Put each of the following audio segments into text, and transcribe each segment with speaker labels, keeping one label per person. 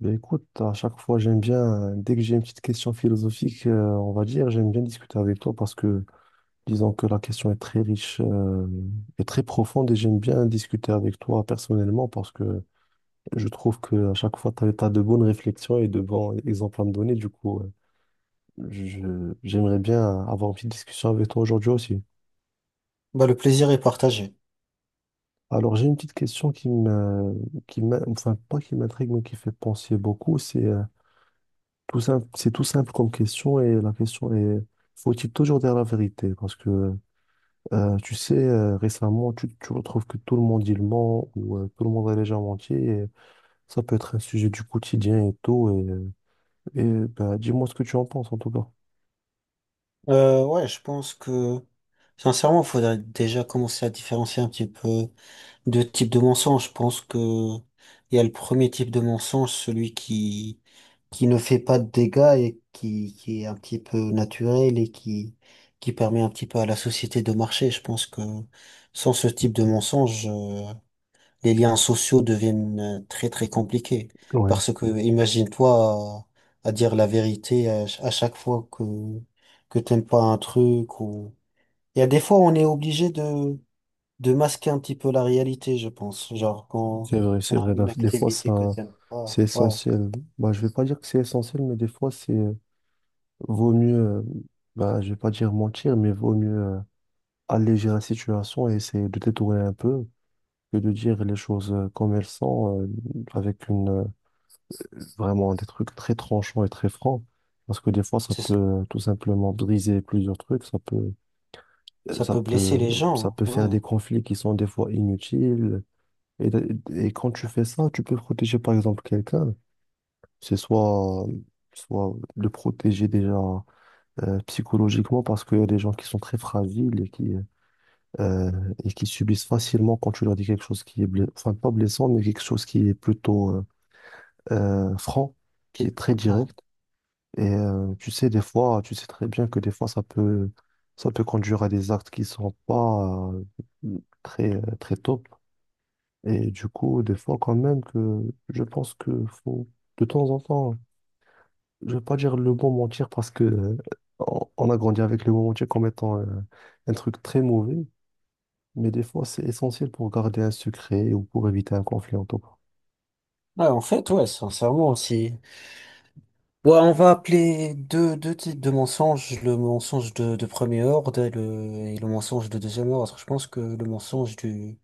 Speaker 1: Ben écoute, à chaque fois, j'aime bien, dès que j'ai une petite question philosophique, on va dire, j'aime bien discuter avec toi parce que, disons que la question est très riche, et très profonde et j'aime bien discuter avec toi personnellement parce que je trouve que à chaque fois, tu as, de bonnes réflexions et de bons exemples à me donner. Du coup, j'aimerais bien avoir une petite discussion avec toi aujourd'hui aussi.
Speaker 2: Bah, le plaisir est partagé.
Speaker 1: Alors, j'ai une petite question enfin, pas qui m'intrigue, mais qui fait penser beaucoup, Tout simple, c'est tout simple comme question et la question est, faut-il toujours dire la vérité? Parce que tu sais, récemment, tu retrouves que tout le monde il ment ou tout le monde a déjà menti et ça peut être un sujet du quotidien et tout. Et bah, dis-moi ce que tu en penses en tout cas.
Speaker 2: Ouais, je pense que, sincèrement, il faudrait déjà commencer à différencier un petit peu deux types de mensonges. Je pense que il y a le premier type de mensonge, celui qui ne fait pas de dégâts et qui est un petit peu naturel et qui permet un petit peu à la société de marcher. Je pense que sans ce type de mensonge, les liens sociaux deviennent très très compliqués.
Speaker 1: Ouais,
Speaker 2: Parce que imagine-toi à dire la vérité à, à chaque fois que t'aimes pas un truc ou... Il y a des fois on est obligé de masquer un petit peu la réalité, je pense. Genre quand
Speaker 1: c'est vrai,
Speaker 2: on
Speaker 1: c'est
Speaker 2: a
Speaker 1: vrai. Bah,
Speaker 2: une
Speaker 1: des fois, ça,
Speaker 2: activité que t'aimes
Speaker 1: c'est
Speaker 2: pas, ouais,
Speaker 1: essentiel. Bah, je vais pas dire que c'est essentiel, mais des fois, c'est vaut mieux, bah, je vais pas dire mentir, mais vaut mieux euh, alléger la situation et essayer de détourner un peu. Que de dire les choses comme elles sont, avec vraiment des trucs très tranchants et très francs. Parce que des fois, ça
Speaker 2: c'est ça
Speaker 1: peut tout simplement briser plusieurs trucs, euh, ça
Speaker 2: peut blesser
Speaker 1: peut,
Speaker 2: les
Speaker 1: ça
Speaker 2: gens,
Speaker 1: peut
Speaker 2: hein,
Speaker 1: faire
Speaker 2: ouais.
Speaker 1: des conflits qui sont des fois inutiles. Et, et quand tu fais ça, tu peux protéger par exemple quelqu'un. C'est soit, euh, soit le protéger déjà psychologiquement parce qu'il y a des gens qui sont très fragiles euh, et qui subissent facilement quand tu leur dis quelque chose qui est blessant, enfin pas blessant, mais quelque chose qui est plutôt franc, qui est
Speaker 2: Qu'il-
Speaker 1: très
Speaker 2: ouais.
Speaker 1: direct. Et tu sais, des fois, tu sais très bien que des fois, ça peut conduire à des actes qui sont pas très, très top. Et du coup, des fois, quand même, que je pense que faut, de temps en temps, je vais pas dire le bon mentir parce que on a grandi avec le bon mentir comme étant un truc très mauvais. Mais des fois, c'est essentiel pour garder un secret ou pour éviter un conflit en tout cas.
Speaker 2: Ouais, en fait, ouais, sincèrement, si, Ouais, on va appeler deux types de mensonges, le mensonge de premier ordre et le mensonge de deuxième ordre. Je pense que le mensonge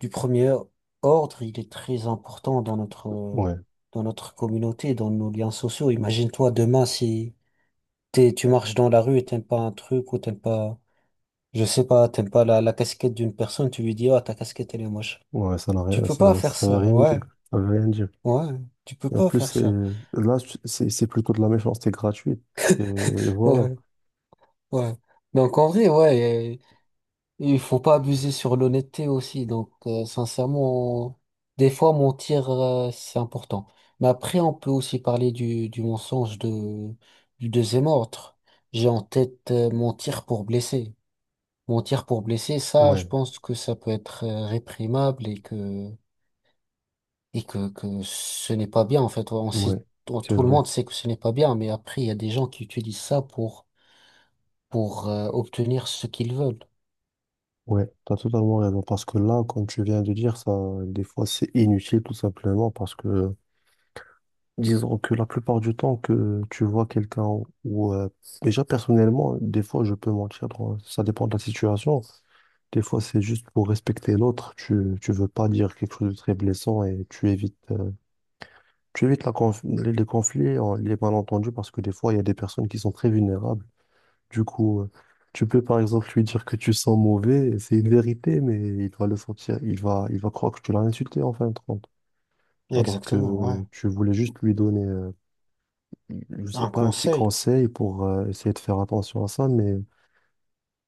Speaker 2: du premier ordre, il est très important
Speaker 1: Ouais,
Speaker 2: dans notre communauté, dans nos liens sociaux. Imagine-toi demain si tu marches dans la rue et t'aimes pas un truc ou t'aimes pas, je sais pas, t'aimes pas la casquette d'une personne, tu lui dis, ah, ta casquette, elle est moche.
Speaker 1: ouais, ça n'a
Speaker 2: Tu
Speaker 1: rien,
Speaker 2: peux pas
Speaker 1: ça,
Speaker 2: faire
Speaker 1: ça veut
Speaker 2: ça,
Speaker 1: rien dire.
Speaker 2: ouais,
Speaker 1: Ça veut rien dire.
Speaker 2: ouais, tu peux
Speaker 1: Et en
Speaker 2: pas
Speaker 1: plus,
Speaker 2: faire
Speaker 1: c'est,
Speaker 2: ça,
Speaker 1: là, c'est plutôt de la méchanceté gratuite. Et voilà.
Speaker 2: ouais, ouais. Donc en vrai, ouais. Et il faut pas abuser sur l'honnêteté aussi. Donc, sincèrement, des fois, mentir, c'est important. Mais après, on peut aussi parler du mensonge du deuxième ordre. J'ai en tête, mentir pour blesser. Mentir pour blesser, ça, je
Speaker 1: Ouais,
Speaker 2: pense que ça peut être réprimable et que ce n'est pas bien. En fait, on
Speaker 1: ouais,
Speaker 2: sait,
Speaker 1: c'est
Speaker 2: tout le
Speaker 1: vrai.
Speaker 2: monde sait que ce n'est pas bien, mais après, il y a des gens qui utilisent ça pour, pour obtenir ce qu'ils veulent.
Speaker 1: Ouais, t'as totalement raison. Parce que là, comme tu viens de dire, ça, des fois, c'est inutile, tout simplement. Parce que, disons que la plupart du temps que tu vois quelqu'un ou, euh, déjà, personnellement, des fois, je peux mentir. Ça dépend de la situation. Des fois, c'est juste pour respecter l'autre. Tu veux pas dire quelque chose de très blessant et tu évites. Tu évites les conflits, les malentendus, parce que des fois, il y a des personnes qui sont très vulnérables. Du coup, tu peux par exemple lui dire que tu sens mauvais, c'est une vérité, mais il va le sentir, il va croire que tu l'as insulté en fin de compte. Alors
Speaker 2: Exactement, ouais.
Speaker 1: que tu voulais juste lui donner, je sais
Speaker 2: Un
Speaker 1: pas, un petit
Speaker 2: conseil.
Speaker 1: conseil pour essayer de faire attention à ça, mais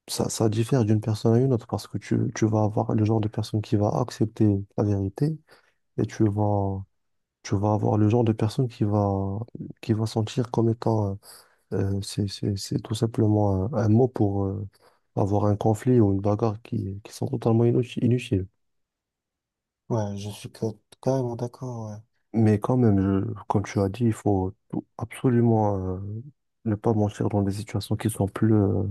Speaker 1: ça diffère d'une personne à une autre parce que tu vas avoir le genre de personne qui va accepter la vérité et tu vas avoir le genre de personne qui va sentir comme étant, c'est tout simplement un mot pour avoir un conflit ou une bagarre qui sont totalement inutiles.
Speaker 2: Ouais, je suis carrément d'accord, ouais.
Speaker 1: Mais quand même, comme tu as dit, il faut absolument ne pas mentir dans des situations qui sont plus,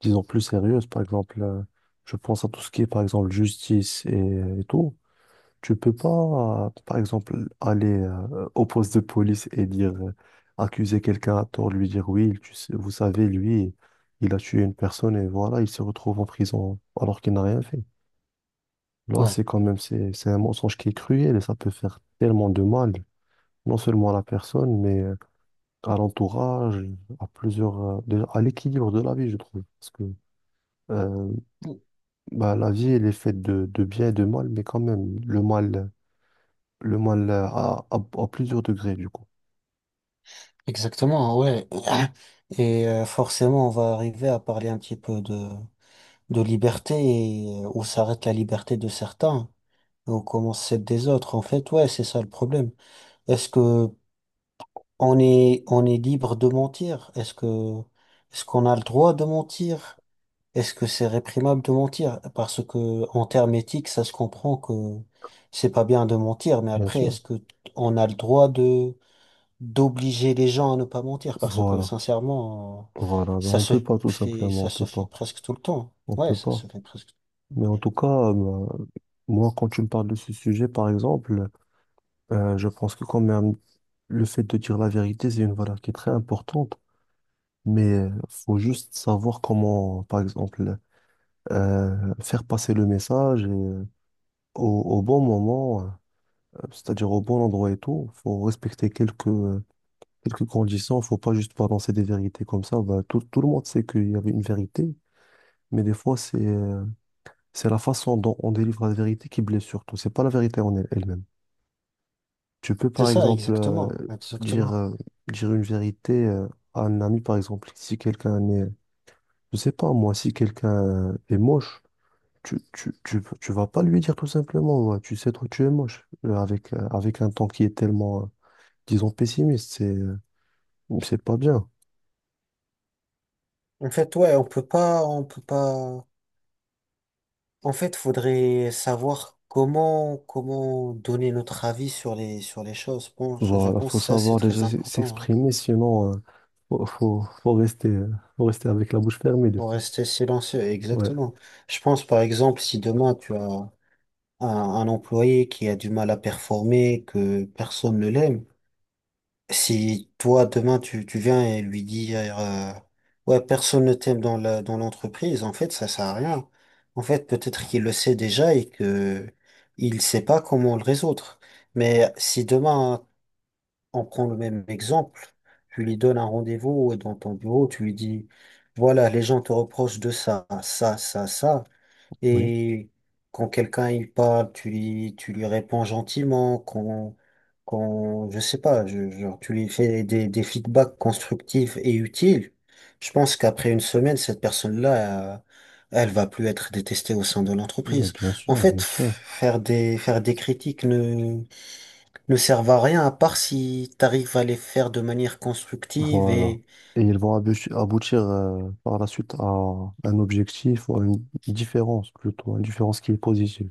Speaker 1: disons, plus sérieuses. Par exemple, je pense à tout ce qui est, par exemple, justice et tout. Tu peux pas, par exemple, aller au poste de police et dire, accuser quelqu'un à tort, lui dire oui, vous savez, lui, il a tué une personne et voilà, il se retrouve en prison alors qu'il n'a rien fait. Là,
Speaker 2: Ouais,
Speaker 1: c'est quand même, c'est un mensonge qui est cruel et ça peut faire tellement de mal, non seulement à la personne, mais à l'entourage, à plusieurs, déjà, à l'équilibre de la vie, je trouve. Parce que euh, bah, la vie, elle est faite de bien et de mal, mais quand même, le mal. Le mal à plusieurs degrés, du coup.
Speaker 2: exactement, ouais. Et forcément, on va arriver à parler un petit peu de liberté et où s'arrête la liberté de certains et où commence celle des autres. En fait, ouais, c'est ça le problème. Est-ce que on est libre de mentir? Est-ce qu'on a le droit de mentir? Est-ce que c'est réprimable de mentir? Parce que, en termes éthiques, ça se comprend que c'est pas bien de mentir, mais
Speaker 1: Bien
Speaker 2: après,
Speaker 1: sûr.
Speaker 2: est-ce que on a le droit de d'obliger les gens à ne pas mentir parce que
Speaker 1: Voilà.
Speaker 2: sincèrement,
Speaker 1: Voilà. Ben,
Speaker 2: ça
Speaker 1: on
Speaker 2: se
Speaker 1: peut pas, tout simplement.
Speaker 2: ça
Speaker 1: On
Speaker 2: se
Speaker 1: peut
Speaker 2: fait
Speaker 1: pas.
Speaker 2: presque tout le temps.
Speaker 1: On
Speaker 2: Ouais,
Speaker 1: peut
Speaker 2: ça
Speaker 1: pas.
Speaker 2: se fait presque.
Speaker 1: Mais en tout cas, moi, quand tu me parles de ce sujet, par exemple, je pense que quand même, le fait de dire la vérité, c'est une valeur qui est très importante. Mais faut juste savoir comment, par exemple, faire passer le message au, au bon moment, c'est-à-dire au bon endroit et tout. Faut respecter quelques, quelques conditions, faut pas juste balancer des vérités comme ça. Bah, tout, tout le monde sait qu'il y avait une vérité, mais des fois, c'est la façon dont on délivre la vérité qui blesse surtout. C'est pas la vérité en elle-même. Tu peux,
Speaker 2: C'est
Speaker 1: par
Speaker 2: ça,
Speaker 1: exemple,
Speaker 2: exactement,
Speaker 1: dire,
Speaker 2: exactement.
Speaker 1: euh, dire une vérité à un ami, par exemple. Si quelqu'un est, je sais pas, moi, si quelqu'un est moche, tu vas pas lui dire tout simplement, ouais, tu sais, toi, tu es moche. Avec un ton qui est tellement, disons, pessimiste, c'est pas bien.
Speaker 2: En fait, ouais, on peut pas, on peut pas. En fait, faudrait savoir comment, comment donner notre avis sur les choses. Bon, je
Speaker 1: Voilà,
Speaker 2: pense
Speaker 1: faut
Speaker 2: que ça, c'est
Speaker 1: savoir déjà
Speaker 2: très important, hein.
Speaker 1: s'exprimer, sinon faut, faut, faut rester, euh, faut rester avec la bouche fermée des
Speaker 2: Pour
Speaker 1: fois.
Speaker 2: rester silencieux,
Speaker 1: Ouais,
Speaker 2: exactement. Je pense, par exemple, si demain tu as un, un employé qui a du mal à performer, que personne ne l'aime. Si toi, demain, tu viens et lui dire, ouais, personne ne t'aime dans la, dans l'entreprise, en fait, ça sert à rien. En fait, peut-être qu'il le sait déjà et que il sait pas comment le résoudre. Mais si demain, on prend le même exemple, tu lui donnes un rendez-vous dans ton bureau, tu lui dis, voilà, les gens te reprochent de ça, ça, ça, ça.
Speaker 1: oui,
Speaker 2: Et quand quelqu'un il parle, tu lui réponds gentiment, quand, quand, je sais pas, genre, tu lui fais des feedbacks constructifs et utiles. Je pense qu'après une semaine, cette personne-là, elle va plus être détestée au sein de
Speaker 1: bah,
Speaker 2: l'entreprise.
Speaker 1: bien
Speaker 2: En
Speaker 1: sûr,
Speaker 2: fait,
Speaker 1: bien sûr.
Speaker 2: faire des critiques ne servent à rien à part si t'arrives à les faire de manière constructive
Speaker 1: Voilà.
Speaker 2: et,
Speaker 1: Et ils vont aboutir par la suite à un objectif ou à une différence plutôt, une différence qui est positive.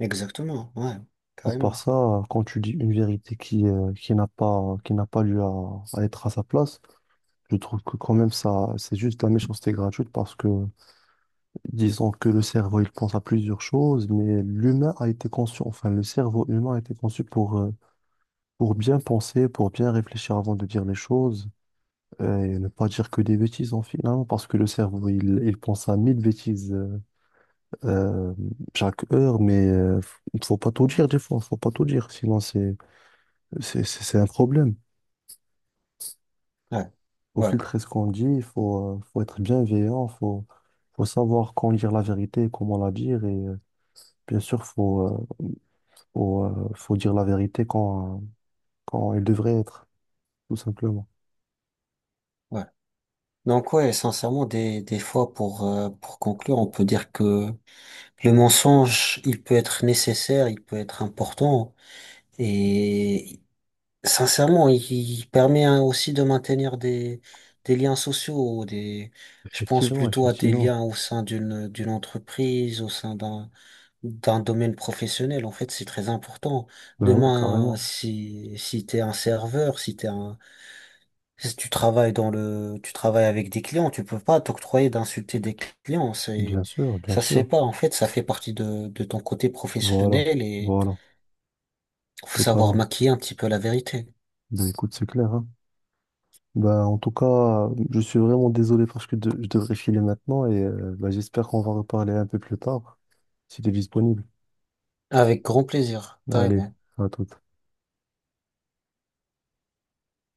Speaker 2: exactement, ouais,
Speaker 1: À part
Speaker 2: carrément,
Speaker 1: ça, quand tu dis une vérité qui n'a pas lieu à être à sa place, je trouve que quand même ça, c'est juste de la méchanceté gratuite parce que disons que le cerveau, il pense à plusieurs choses, mais l'humain a été conçu, enfin, le cerveau humain a été conçu pour bien penser, pour bien réfléchir avant de dire les choses, et ne pas dire que des bêtises, en finalement, parce que le cerveau, il pense à mille bêtises, euh, chaque heure, mais faut pas tout dire, des fois, faut pas tout dire, sinon c'est, c'est un problème.
Speaker 2: ouais,
Speaker 1: Faut
Speaker 2: ouais,
Speaker 1: filtrer ce qu'on dit, il faut, faut être bienveillant, faut, faut savoir quand dire la vérité, comment la dire, bien sûr, faut dire la vérité quand, quand elle devrait être, tout simplement.
Speaker 2: ouais. Donc ouais, sincèrement, des fois, pour conclure, on peut dire que le mensonge, il peut être nécessaire, il peut être important, et sincèrement, il permet hein, aussi de maintenir des liens sociaux, des, je pense
Speaker 1: Effectivement,
Speaker 2: plutôt à des
Speaker 1: effectivement.
Speaker 2: liens au sein d'une, d'une entreprise, au sein d'un, d'un domaine professionnel. En fait, c'est très important.
Speaker 1: Ben ouais,
Speaker 2: Demain,
Speaker 1: carrément.
Speaker 2: si, si t'es un serveur, si t'es un si tu travailles dans le, tu travailles avec des clients, tu peux pas t'octroyer d'insulter des clients, c'est,
Speaker 1: Bien sûr, bien
Speaker 2: ça se fait
Speaker 1: sûr.
Speaker 2: pas. En fait, ça fait partie de ton côté
Speaker 1: Voilà,
Speaker 2: professionnel et
Speaker 1: voilà,
Speaker 2: faut savoir
Speaker 1: totalement.
Speaker 2: maquiller un petit peu la vérité.
Speaker 1: Ben écoute, c'est clair, hein. Ben, en tout cas, je suis vraiment désolé parce que je devrais filer maintenant et ben, j'espère qu'on va reparler un peu plus tard, si t'es disponible.
Speaker 2: Avec grand plaisir,
Speaker 1: Allez,
Speaker 2: carrément.
Speaker 1: à tout.